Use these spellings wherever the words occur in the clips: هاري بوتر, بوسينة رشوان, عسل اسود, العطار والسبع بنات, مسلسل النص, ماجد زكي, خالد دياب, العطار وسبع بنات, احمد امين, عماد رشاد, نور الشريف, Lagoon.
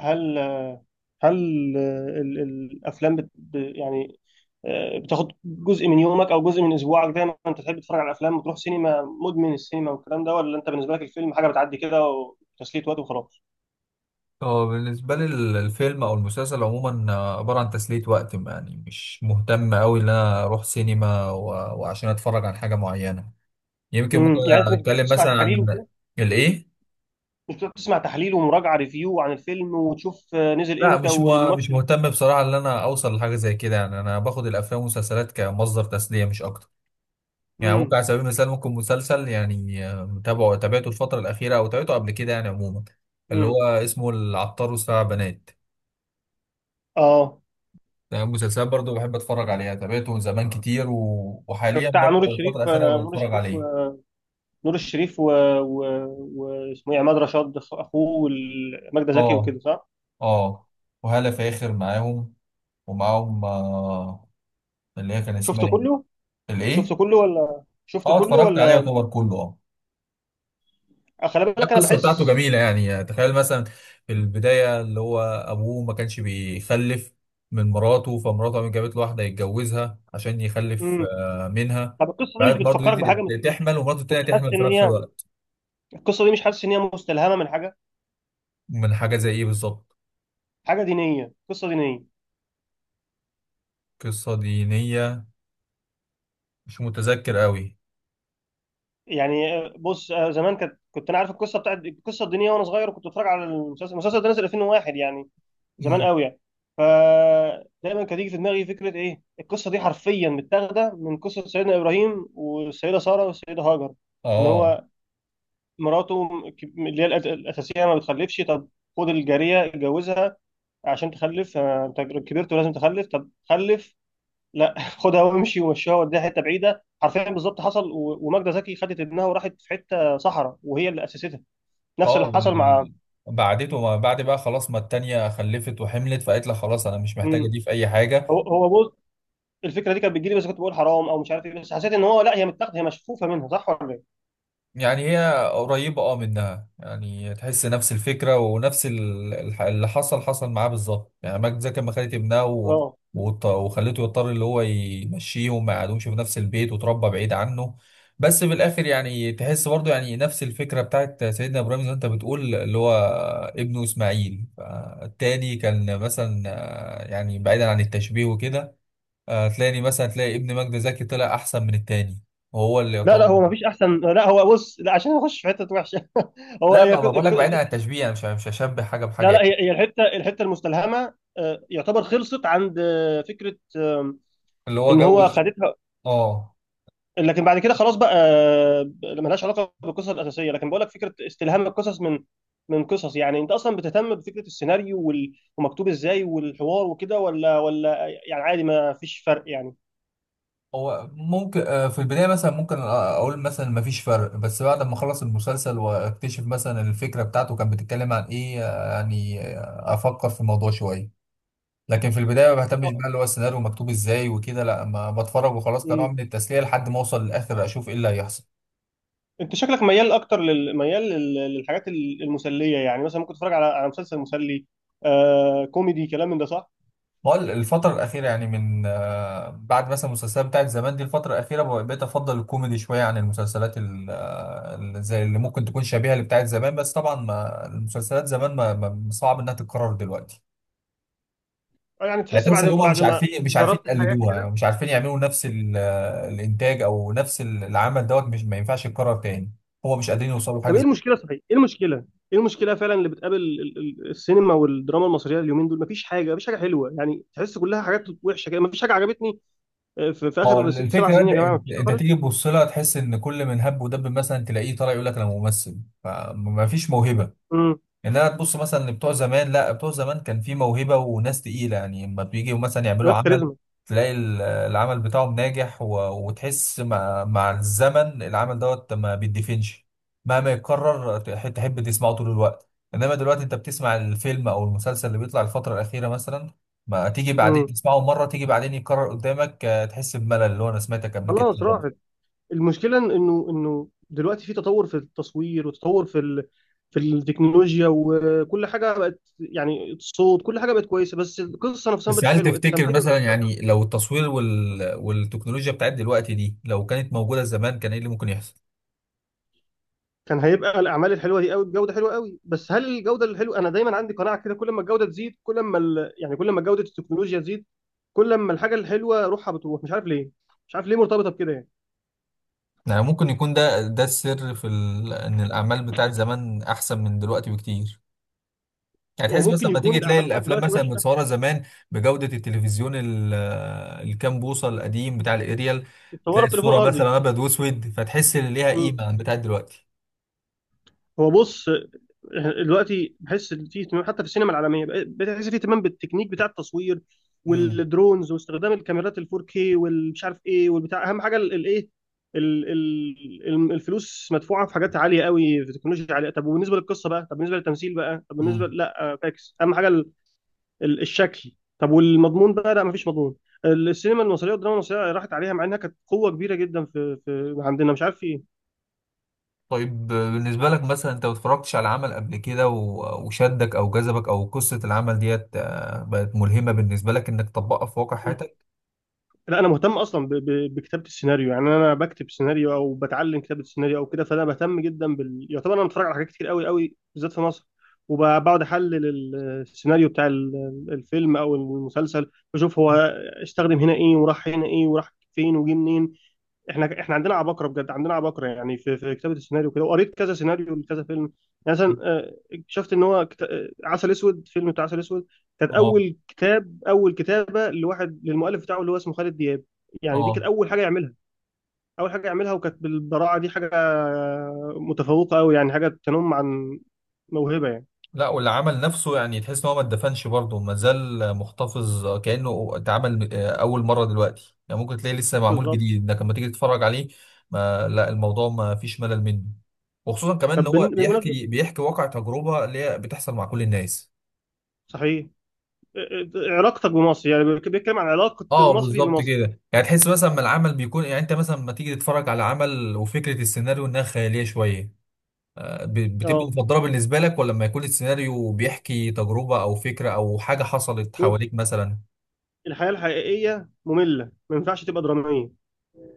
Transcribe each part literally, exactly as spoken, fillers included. هل هل ال- ال- الافلام بت ب- يعني آه، بتاخد جزء من يومك او جزء من اسبوعك، دايما انت تحب تتفرج على الافلام وتروح سينما، مدمن السينما والكلام ده، ولا انت بالنسبه لك الفيلم حاجه بتعدي كده وتسليه وقت وخلاص؟ هو بالنسبة لي ال- الفيلم أو المسلسل عموما، آه، عبارة عن تسلية وقت. يعني مش مهتم أوي إن أنا أروح سينما و... وعشان أتفرج عن حاجة معينة. يمكن ممكن امم يعني انت مش بتقعد أتكلم تسمع مثلا تحاليل عن وكده؟ الإيه؟ مش بتقعد تسمع تحليل ومراجعه ريفيو عن الفيلم، وتشوف آه، نزل لا، امتى مش م... مش والممثل؟ مهتم بصراحة إن أنا أوصل لحاجة زي كده. يعني أنا باخد الأفلام والمسلسلات كمصدر تسلية مش أكتر. يعني ممكن امم على سبيل المثال ممكن مسلسل، يعني آه، متابعه تابعته الفترة الأخيرة أو تابعته قبل كده، يعني عموما. اللي هو امم اسمه العطار وسبع بنات. اه، مسلسلات برضو بحب اتفرج عليها، تابعته زمان كتير و... وحاليا بتاع برضو نور الفترة الشريف، آه، الأخيرة نور بتفرج الشريف عليه. و- نور الشريف و... و... واسمه ايه، عماد رشاد اخوه، وماجدة زكي اه، وكده، صح؟ اه، وهالة فاخر معاهم. ومعاهم آه اللي هي كان اسمها شفته ايه؟ كله؟ شفته الايه؟ كله ولا شفته اه، كله اتفرجت عليها ولا؟ يعتبر كله. اه. آه، خلي بالك انا القصة بتاعته بحس. جميلة. يعني يعني تخيل مثلا في البداية اللي هو أبوه ما كانش بيخلف من مراته، فمراته قامت جابت له واحدة يتجوزها عشان يخلف امم آه، منها. طب القصه دي مش بعد برضه بتفكرك بحاجه مت... دي يعني تحمل ومراته مش التانية حاسس تحمل في ان نفس هي، الوقت. القصه دي مش حاسس ان هي مستلهمه من حاجه؟ من حاجة زي ايه بالظبط؟ حاجه دينيه، قصه دينيه. قصة دينية. مش متذكر قوي. يعني آه، بص، آه، زمان كانت كنت انا عارف القصه، بتاعت القصه الدينيه، وانا صغير، وكنت بتفرج على المسلسل. المسلسل ده نزل ألفين وواحد يعني، زمان امم. قوي يعني. فدايما كانت تيجي في دماغي فكره، ايه القصه دي حرفيا متاخده من قصه سيدنا ابراهيم والسيده ساره والسيده هاجر. ان اه، هو مراته، اللي هي الأس- الاساسيه ما بتخلفش، طب خد الجاريه اتجوزها عشان تخلف، آه، انت كبرت ولازم تخلف. طب خلف! لا، خدها وامشي ومشيها، وديها حته بعيده. حرفيا بالظبط حصل، و- وماجده زكي خدت ابنها وراحت في حته صحراء، وهي اللي اسستها. نفس اه، اللي حصل مع. وال... بعدته ما بعد بقى خلاص، ما التانية خلفت وحملت فقالت لها خلاص، انا مش محتاجة مم. دي في اي حاجة. هو هو بص، الفكره دي كانت بتجيلي، بس كنت بقول حرام او مش عارف ايه. بس حسيت ان هو، لا، هي متاخده، هي مشفوفه منها، صح ولا ايه؟ يعني هي قريبة، اه، منها. يعني تحس نفس الفكرة ونفس ال- الح- اللي حصل حصل معاه بالظبط. يعني ماجد زكي لما خدت ابنها و... اه. وط- وخلته يضطر اللي هو يمشيه وما يقعدوش في نفس البيت وتربى بعيد عنه. بس في الآخر يعني تحس برضه، يعني نفس الفكرة بتاعت سيدنا إبراهيم، زي ما أنت بتقول، اللي هو ابنه إسماعيل. التاني كان مثلا، آه، يعني بعيدا عن التشبيه وكده. آه، تلاقي مثلا، تلاقي ابن ماجد زكي طلع أحسن من التاني، وهو اللي لا يعتبر... لا هو مفيش احسن، لا، هو بص، لا، عشان اخش في حته وحشه هو لا، هي، ما ما بقول لك، بعيد عن التشبيه. انا مش مش هشبه حاجه بحاجه لا لا يعني. هي هي الحته الحته المستلهمه آه، يعتبر خلصت عند آه، فكره آه، اللي هو ان هو جوز. خدتها، اه. لكن بعد كده خلاص بقى آه، ملهاش علاقه بالقصه الاساسيه. لكن بقول لك فكره استلهام القصص من من قصص. يعني انت اصلا بتهتم بفكره السيناريو وال- ومكتوب ازاي والحوار وكده، ولا ولا يعني عادي ما فيش فرق يعني؟ هو ممكن آه، في البدايه مثلا ممكن آه، اقول مثلا ما فيش فرق، بس بعد ما اخلص المسلسل واكتشف مثلا الفكره بتاعته كانت بتتكلم عن ايه، آه، يعني آه، افكر في الموضوع شويه. لكن في البدايه ما بهتمش آه، بقى اللي هو السيناريو مكتوب ازاي وكده. لا، ما بتفرج وخلاص، كنوع من مم. التسليه، لحد ما اوصل للاخر اشوف ايه اللي هيحصل. انت شكلك ميال اكتر لل- ميال لل- للحاجات ال- المسليه، يعني مثلا ممكن تتفرج على على مسلسل مسلي، آه كوميدي، كلام من ده، صح؟ بقول الفترة الأخيرة يعني من، آه، بعد مثلا المسلسلات بتاعت زمان دي الفترة الأخيرة بقى- بقيت أفضل الكوميدي شوية عن المسلسلات ال- آه، ال- زي اللي ممكن تكون شبيهة اللي بتاعت زمان. بس طبعا ما المسلسلات زمان ما ما- صعب إنها تتكرر دلوقتي. آه، يعني يعني تحس تحس بعد إن هما بعد مش ما عارفين مش عارفين جربت الحياه يقلدوها، كده. يعني مش عارفين يعملوا نفس ال- آه، الإنتاج أو نفس ال- العمل دوت، مش ما ينفعش يتكرر تاني. هو مش قادرين يوصلوا طب حاجة ايه زي... المشكله؟ صحيح ايه المشكله؟ ايه المشكله فعلا اللي بتقابل ال- ال- السينما والدراما المصريه اليومين دول؟ مفيش حاجه، مفيش حاجه حلوه. يعني تحس كلها حاجات وحشه كده، مفيش حاجه عجبتني. آه، في, في ما هو اخر ست سبع الفكرة، سنين انت يا جماعه انت مفيش حاجه انت خالص. تيجي تبص لها تحس ان كل من هب ودب مثلا تلاقيه طالع يقول لك انا ممثل. فما فيش موهبة. امم ان انا تبص مثلا لبتوع زمان، لا بتوع زمان كان في موهبه وناس تقيله، يعني اما بيجوا مثلا يعملوا ناس عمل كاريزما. تلاقي ال- آه، العمل بتاعهم ناجح و... وتحس مع... مع الزمن العمل دوت ما بيدفنش. مهما يتكرر تح- تحب تسمعه طول الوقت. انما دلوقتي انت بتسمع الفيلم او المسلسل اللي بيطلع الفتره الاخيره مثلا، ما تيجي بعدين امم تسمعه مره، تيجي بعدين يتكرر قدامك، آه، تحس بملل اللي هو انا سمعتك قبل كده. خلاص راحت. المشكله إن- انه انه دلوقتي في تطور في التصوير، وتطور في ال... في التكنولوجيا، وكل حاجه بقت يعني، الصوت كل حاجه بقت كويسه، بس القصه نفسها ما بس بقتش هل حلوه، تفتكر التمثيل ما مثلا بقاش. يعني لو التصوير وال... والتكنولوجيا بتاعت دلوقتي دي لو كانت موجودة زمان، كان ايه اللي ممكن يحصل؟ كان هيبقى الاعمال الحلوه دي قوي بجوده حلوه قوي، بس هل الجوده الحلوه، انا دايما عندي قناعه كده، كل ما الجوده تزيد، كل ما ال... يعني كل ما جوده التكنولوجيا تزيد، كل ما الحاجه الحلوه روحها بتروح، مش عارف ليه، مش عارف ليه مرتبطه بكده يعني. يعني ممكن يكون ده ده السر في ال... ان الأعمال بتاعت زمان أحسن من دلوقتي بكتير. يعني هو تحس ممكن مثلا لما يكون تيجي تلاقي الاعمال بتاعت الأفلام دلوقتي مثلا وحشه، متصورة زمان بجودة التلفزيون ال... الكام بوصة القديم بتاع الأريال، تلاقي اتصورت تليفون الصورة ارضي. مثلا أبيض وأسود، فتحس إن ليها مم. قيمة عن بتاعت دلوقتي. هو بص، دلوقتي بحس ان في اهتمام حتى في السينما العالميه، بقى- بتحس في اهتمام بالتكنيك بتاع التصوير امم. والدرونز واستخدام الكاميرات ال فور كيه والمش عارف ايه والبتاع. اهم حاجه الايه؟ الفلوس مدفوعه في حاجات عاليه قوي، في تكنولوجيا عاليه. طب وبالنسبه للقصه بقى؟ طب بالنسبه للتمثيل بقى؟ طب بالنسبه إمم. لا آه، فاكس، اهم حاجه ال- ال- الشكل. طب والمضمون بقى؟ لا، مفيش مضمون. السينما المصريه والدراما المصريه راحت عليها، مع انها كانت قوه كبيره جدا، في, في عندنا مش عارف في ايه. طيب، بالنسبة لك مثلا، انت ما اتفرجتش على عمل قبل كده و- وشدك او جذبك، او قصة العمل ديت آه، بقت ملهمة بالنسبة لك انك تطبقها في واقع حياتك؟ لا، انا مهتم اصلا ب- ب- بكتابه السيناريو، يعني انا بكتب سيناريو او بتعلم كتابه السيناريو او كده، فانا بهتم جدا بال، يعتبر انا بتفرج على حاجات كتير قوي قوي بالذات في مصر، وبقعد احلل ال- السيناريو بتاع ال- الفيلم او المسلسل، بشوف هو استخدم هنا ايه وراح هنا ايه وراح فين وجه منين. احنا احنا عندنا عباقره بجد، عندنا عباقره يعني في في كتابه السيناريو كده، وقريت كذا سيناريو لكذا فيلم. يعني مثلا آه، اكتشفت ان هو كت... آه، عسل اسود، فيلم بتاع عسل اسود، كانت اه، اول كتاب اول كتابه لواحد، للمؤلف بتاعه اللي هو اسمه خالد دياب. يعني دي كانت اه. اول حاجه يعملها، اول حاجه يعملها وكانت بالبراعه دي، حاجه متفوقه قوي، يعني حاجه تنم عن موهبه يعني. لا، والعمل نفسه يعني تحس ان هو ما اتدفنش برضه، ما زال محتفظ كأنه اتعمل آه، اول مرة دلوقتي. يعني ممكن تلاقيه لسه معمول بالظبط. جديد انك لما تيجي تتفرج عليه. ما لا الموضوع ما فيش ملل منه. وخصوصا كمان طب ان هو بن- بمناسبه، بيحكي بيحكي واقع تجربة اللي هي بتحصل مع كل الناس. صحيح، آه، آه، علاقتك بمصر، يعني بيتكلم عن علاقه اه، المصري بالظبط بمصر. كده. يعني تحس مثلا ما العمل بيكون، يعني انت مثلا لما تيجي تتفرج على عمل وفكره السيناريو انها خياليه شويه، آه، ب- بتبقى اه، مفضله بالنسبه لك، ولا لما يكون السيناريو بيحكي تجربه او فكره او حاجه حصلت بص، حواليك مثلا؟ الحياة الحقيقية مملة، ما ينفعش تبقى درامية،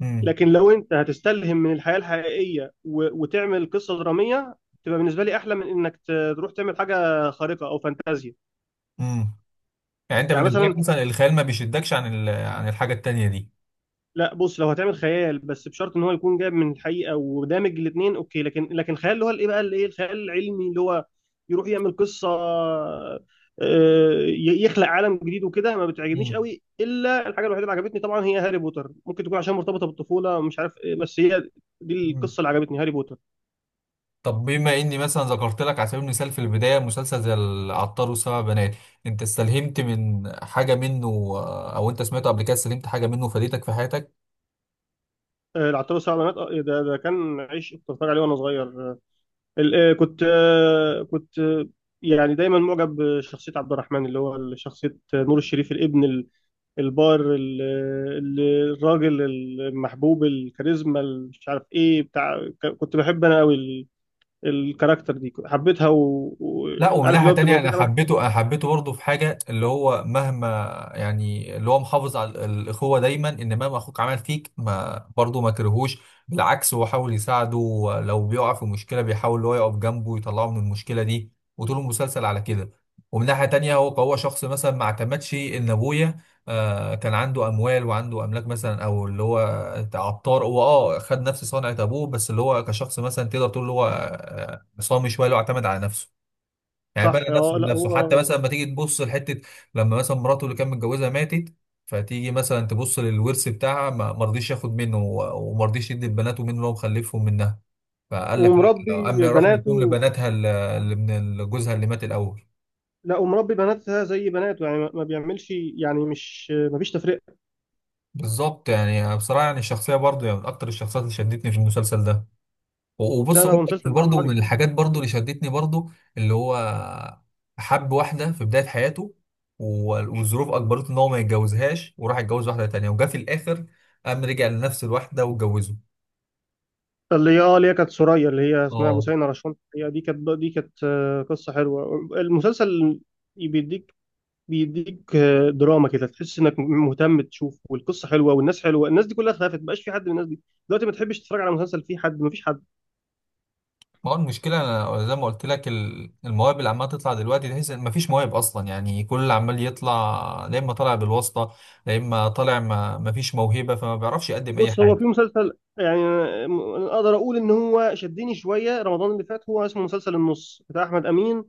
امم، لكن لو انت هتستلهم من الحياة الحقيقية و... وتعمل قصة درامية، تبقى بالنسبة لي أحلى من إنك ت- تروح تعمل حاجة خارقة أو فانتازيا. امم. يعني انت يعني بالنسبه لك مثلا، مثلا الخيال ما بيشدكش عن ال- عن الحاجه التانيه دي؟ لا، بص، لو هتعمل خيال، بس بشرط ان هو يكون جايب من الحقيقه ودامج الاثنين، اوكي. لكن لكن خيال اللي هو الايه بقى، الايه، الخيال العلمي، اللي هو يروح يعمل قصه آه، ي- يخلق عالم جديد وكده، ما بتعجبنيش امم، قوي. الا الحاجه الوحيده اللي عجبتني طبعا هي هاري بوتر، ممكن تكون عشان مرتبطه بالطفوله ومش عارف ايه، بس هي دي امم. القصه اللي عجبتني، هاري بوتر. طب بما اني مثلا ذكرت لك على سبيل المثال في البدايه مسلسل زي العطار والسبع بنات، انت استلهمت من حاجه منه، آه، او انت سمعته قبل كده استلهمت حاجه منه فادتك في حياتك؟ آه، العطار والسبع بنات، آه، ده ده كان عيش، كنت بتفرج عليه وانا صغير. آه، ال- آه، كنت آه، كنت آه، يعني دايما معجب بشخصيه عبد الرحمن، اللي هو شخصيه نور الشريف، الابن البار، ال- ال- الراجل المحبوب الكاريزما مش عارف ايه بتاع، ك- كنت بحب انا قوي ال- الكاركتر دي، حبيتها، و- لا، ومن وعارف اللي ناحية هو بتبقى تانية، أنا واخدها مثلا. حبيته أنا حبيته برضه في حاجة اللي هو مهما، يعني اللي هو محافظ على ال- الأخوة دايما إن مهما أخوك عمل فيك، ما برضه ما كرهوش. بالعكس هو حاول يساعده. لو بيقع في مشكلة بيحاول اللي هو يقف جنبه ويطلعه من المشكلة دي. وطول المسلسل على كده. ومن ناحية تانية، هو هو شخص مثلا ما اعتمدش إن أبويا آه كان عنده أموال وعنده أملاك مثلا، أو اللي هو عطار، هو أه خد نفس صنعة أبوه، بس اللي هو كشخص مثلا تقدر تقول اللي هو آه، صامي شوية، اللي هو اعتمد على نفسه. يعني بنى صح، نفسه اه. لا، بنفسه. حتى هو مثلا لما تيجي تبص لحته، لما مثلا مراته اللي كان متجوزها ماتت، فتيجي مثلا تبص للورث بتاعها ما ما رضيش ياخد منه و- وما رضيش يدي لبناته منه لو مخلفهم منها. فقال لك لا، لو ومربي اما راح بناته، مديهم لبناتها ال- اللي من ال- جوزها اللي مات الاول. لا، ومربي بناتها زي بناته يعني، ما ما بيعملش، يعني مش، ما فيش تفرقه. بالظبط يعني، بصراحه يعني الشخصيه برضه، يعني من اكتر الشخصيات اللي شدتني في المسلسل ده. وبص. لا لا هو مسلسل برضه من عبقري. الحاجات برضه اللي شدتني برضه، اللي هو حب واحدة في بداية حياته، وال- والظروف أجبرته إن هو ما يتجوزهاش وراح يتجوز واحدة تانية، وجا في الآخر قام رجع لنفس الواحدة واتجوزه. اللي هي اه، اللي هي كانت سوريا، اللي هي اسمها اه. بوسينة رشوان، هي دي كانت، دي كانت آه، قصه حلوه. المسلسل بيديك بيديك آه، دراما كده، تحس انك مهتم تشوف، والقصه حلوه والناس حلوه. الناس دي كلها اتخلفت، ما بقاش في حد من الناس دي دلوقتي، ما تحبش تتفرج على مسلسل فيه حد، ما فيش حد. ما هو المشكلة أنا زي ما قلت لك، ال- المواهب اللي عمالة تطلع دلوقتي تحس إن مفيش مواهب أصلا. يعني كل اللي عمال يطلع، لا إما طالع بالواسطة، لا إما طالع ما مفيش موهبة، فما بيعرفش يقدم أي بص، هو في حاجة. مسلسل يعني آه، م- أنا اقدر اقول ان هو شدني شويه رمضان اللي فات، هو اسمه مسلسل النص بتاع احمد امين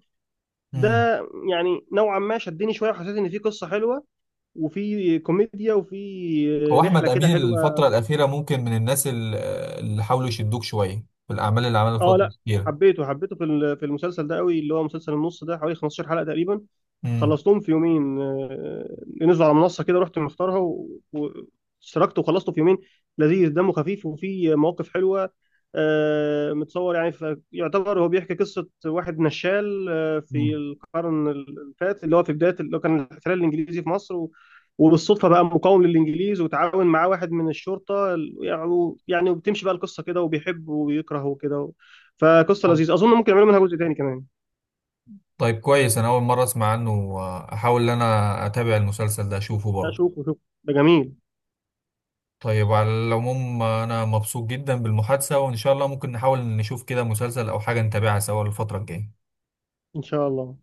ده. مم. يعني نوعا ما شدني شويه، وحسيت ان في قصه حلوه، وفي كوميديا، وفي هو آه، احمد رحله كده امين حلوه. الفتره الاخيره ممكن من الناس ال- اللي حاولوا يشدوك شويه في الاعمال اللي عملها اه الفتره لا، الاخيره. حبيته حبيته في ال- في المسلسل ده قوي، اللي هو مسلسل النص ده، حوالي خمستاشر حلقه تقريبا، امم. خلصتهم في يومين. آه، نزلوا على منصه كده، رحت مختارها و- واشتركت وخلصته في يومين. لذيذ، دمه خفيف وفيه مواقف حلوه، آه، متصور يعني. ف- يعتبر هو بيحكي قصه واحد نشال آه، مم. في القرن اللي فات، اللي هو في بدايه اللي هو كان الاحتلال الانجليزي في مصر، و- وبالصدفه بقى مقاوم للانجليز، وتعاون معاه واحد من الشرطه ال- يعني يعني وبتمشي بقى القصه كده، وبيحب ويكره وكده. فقصه طيب، لذيذه، اظن ممكن يعملوا منها جزء تاني كمان. طيب، كويس. انا اول مره اسمع عنه. احاول ان انا اتابع المسلسل ده، اشوفه لا، برضه. شوفوا شوفوا، ده جميل. طيب، على العموم انا مبسوط جدا بالمحادثه، وان شاء الله ممكن نحاول نشوف كده مسلسل او حاجه نتابعها سوا الفتره الجايه. ان شاء الله.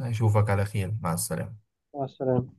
اشوفك على خير، مع السلامه. مع السلامة.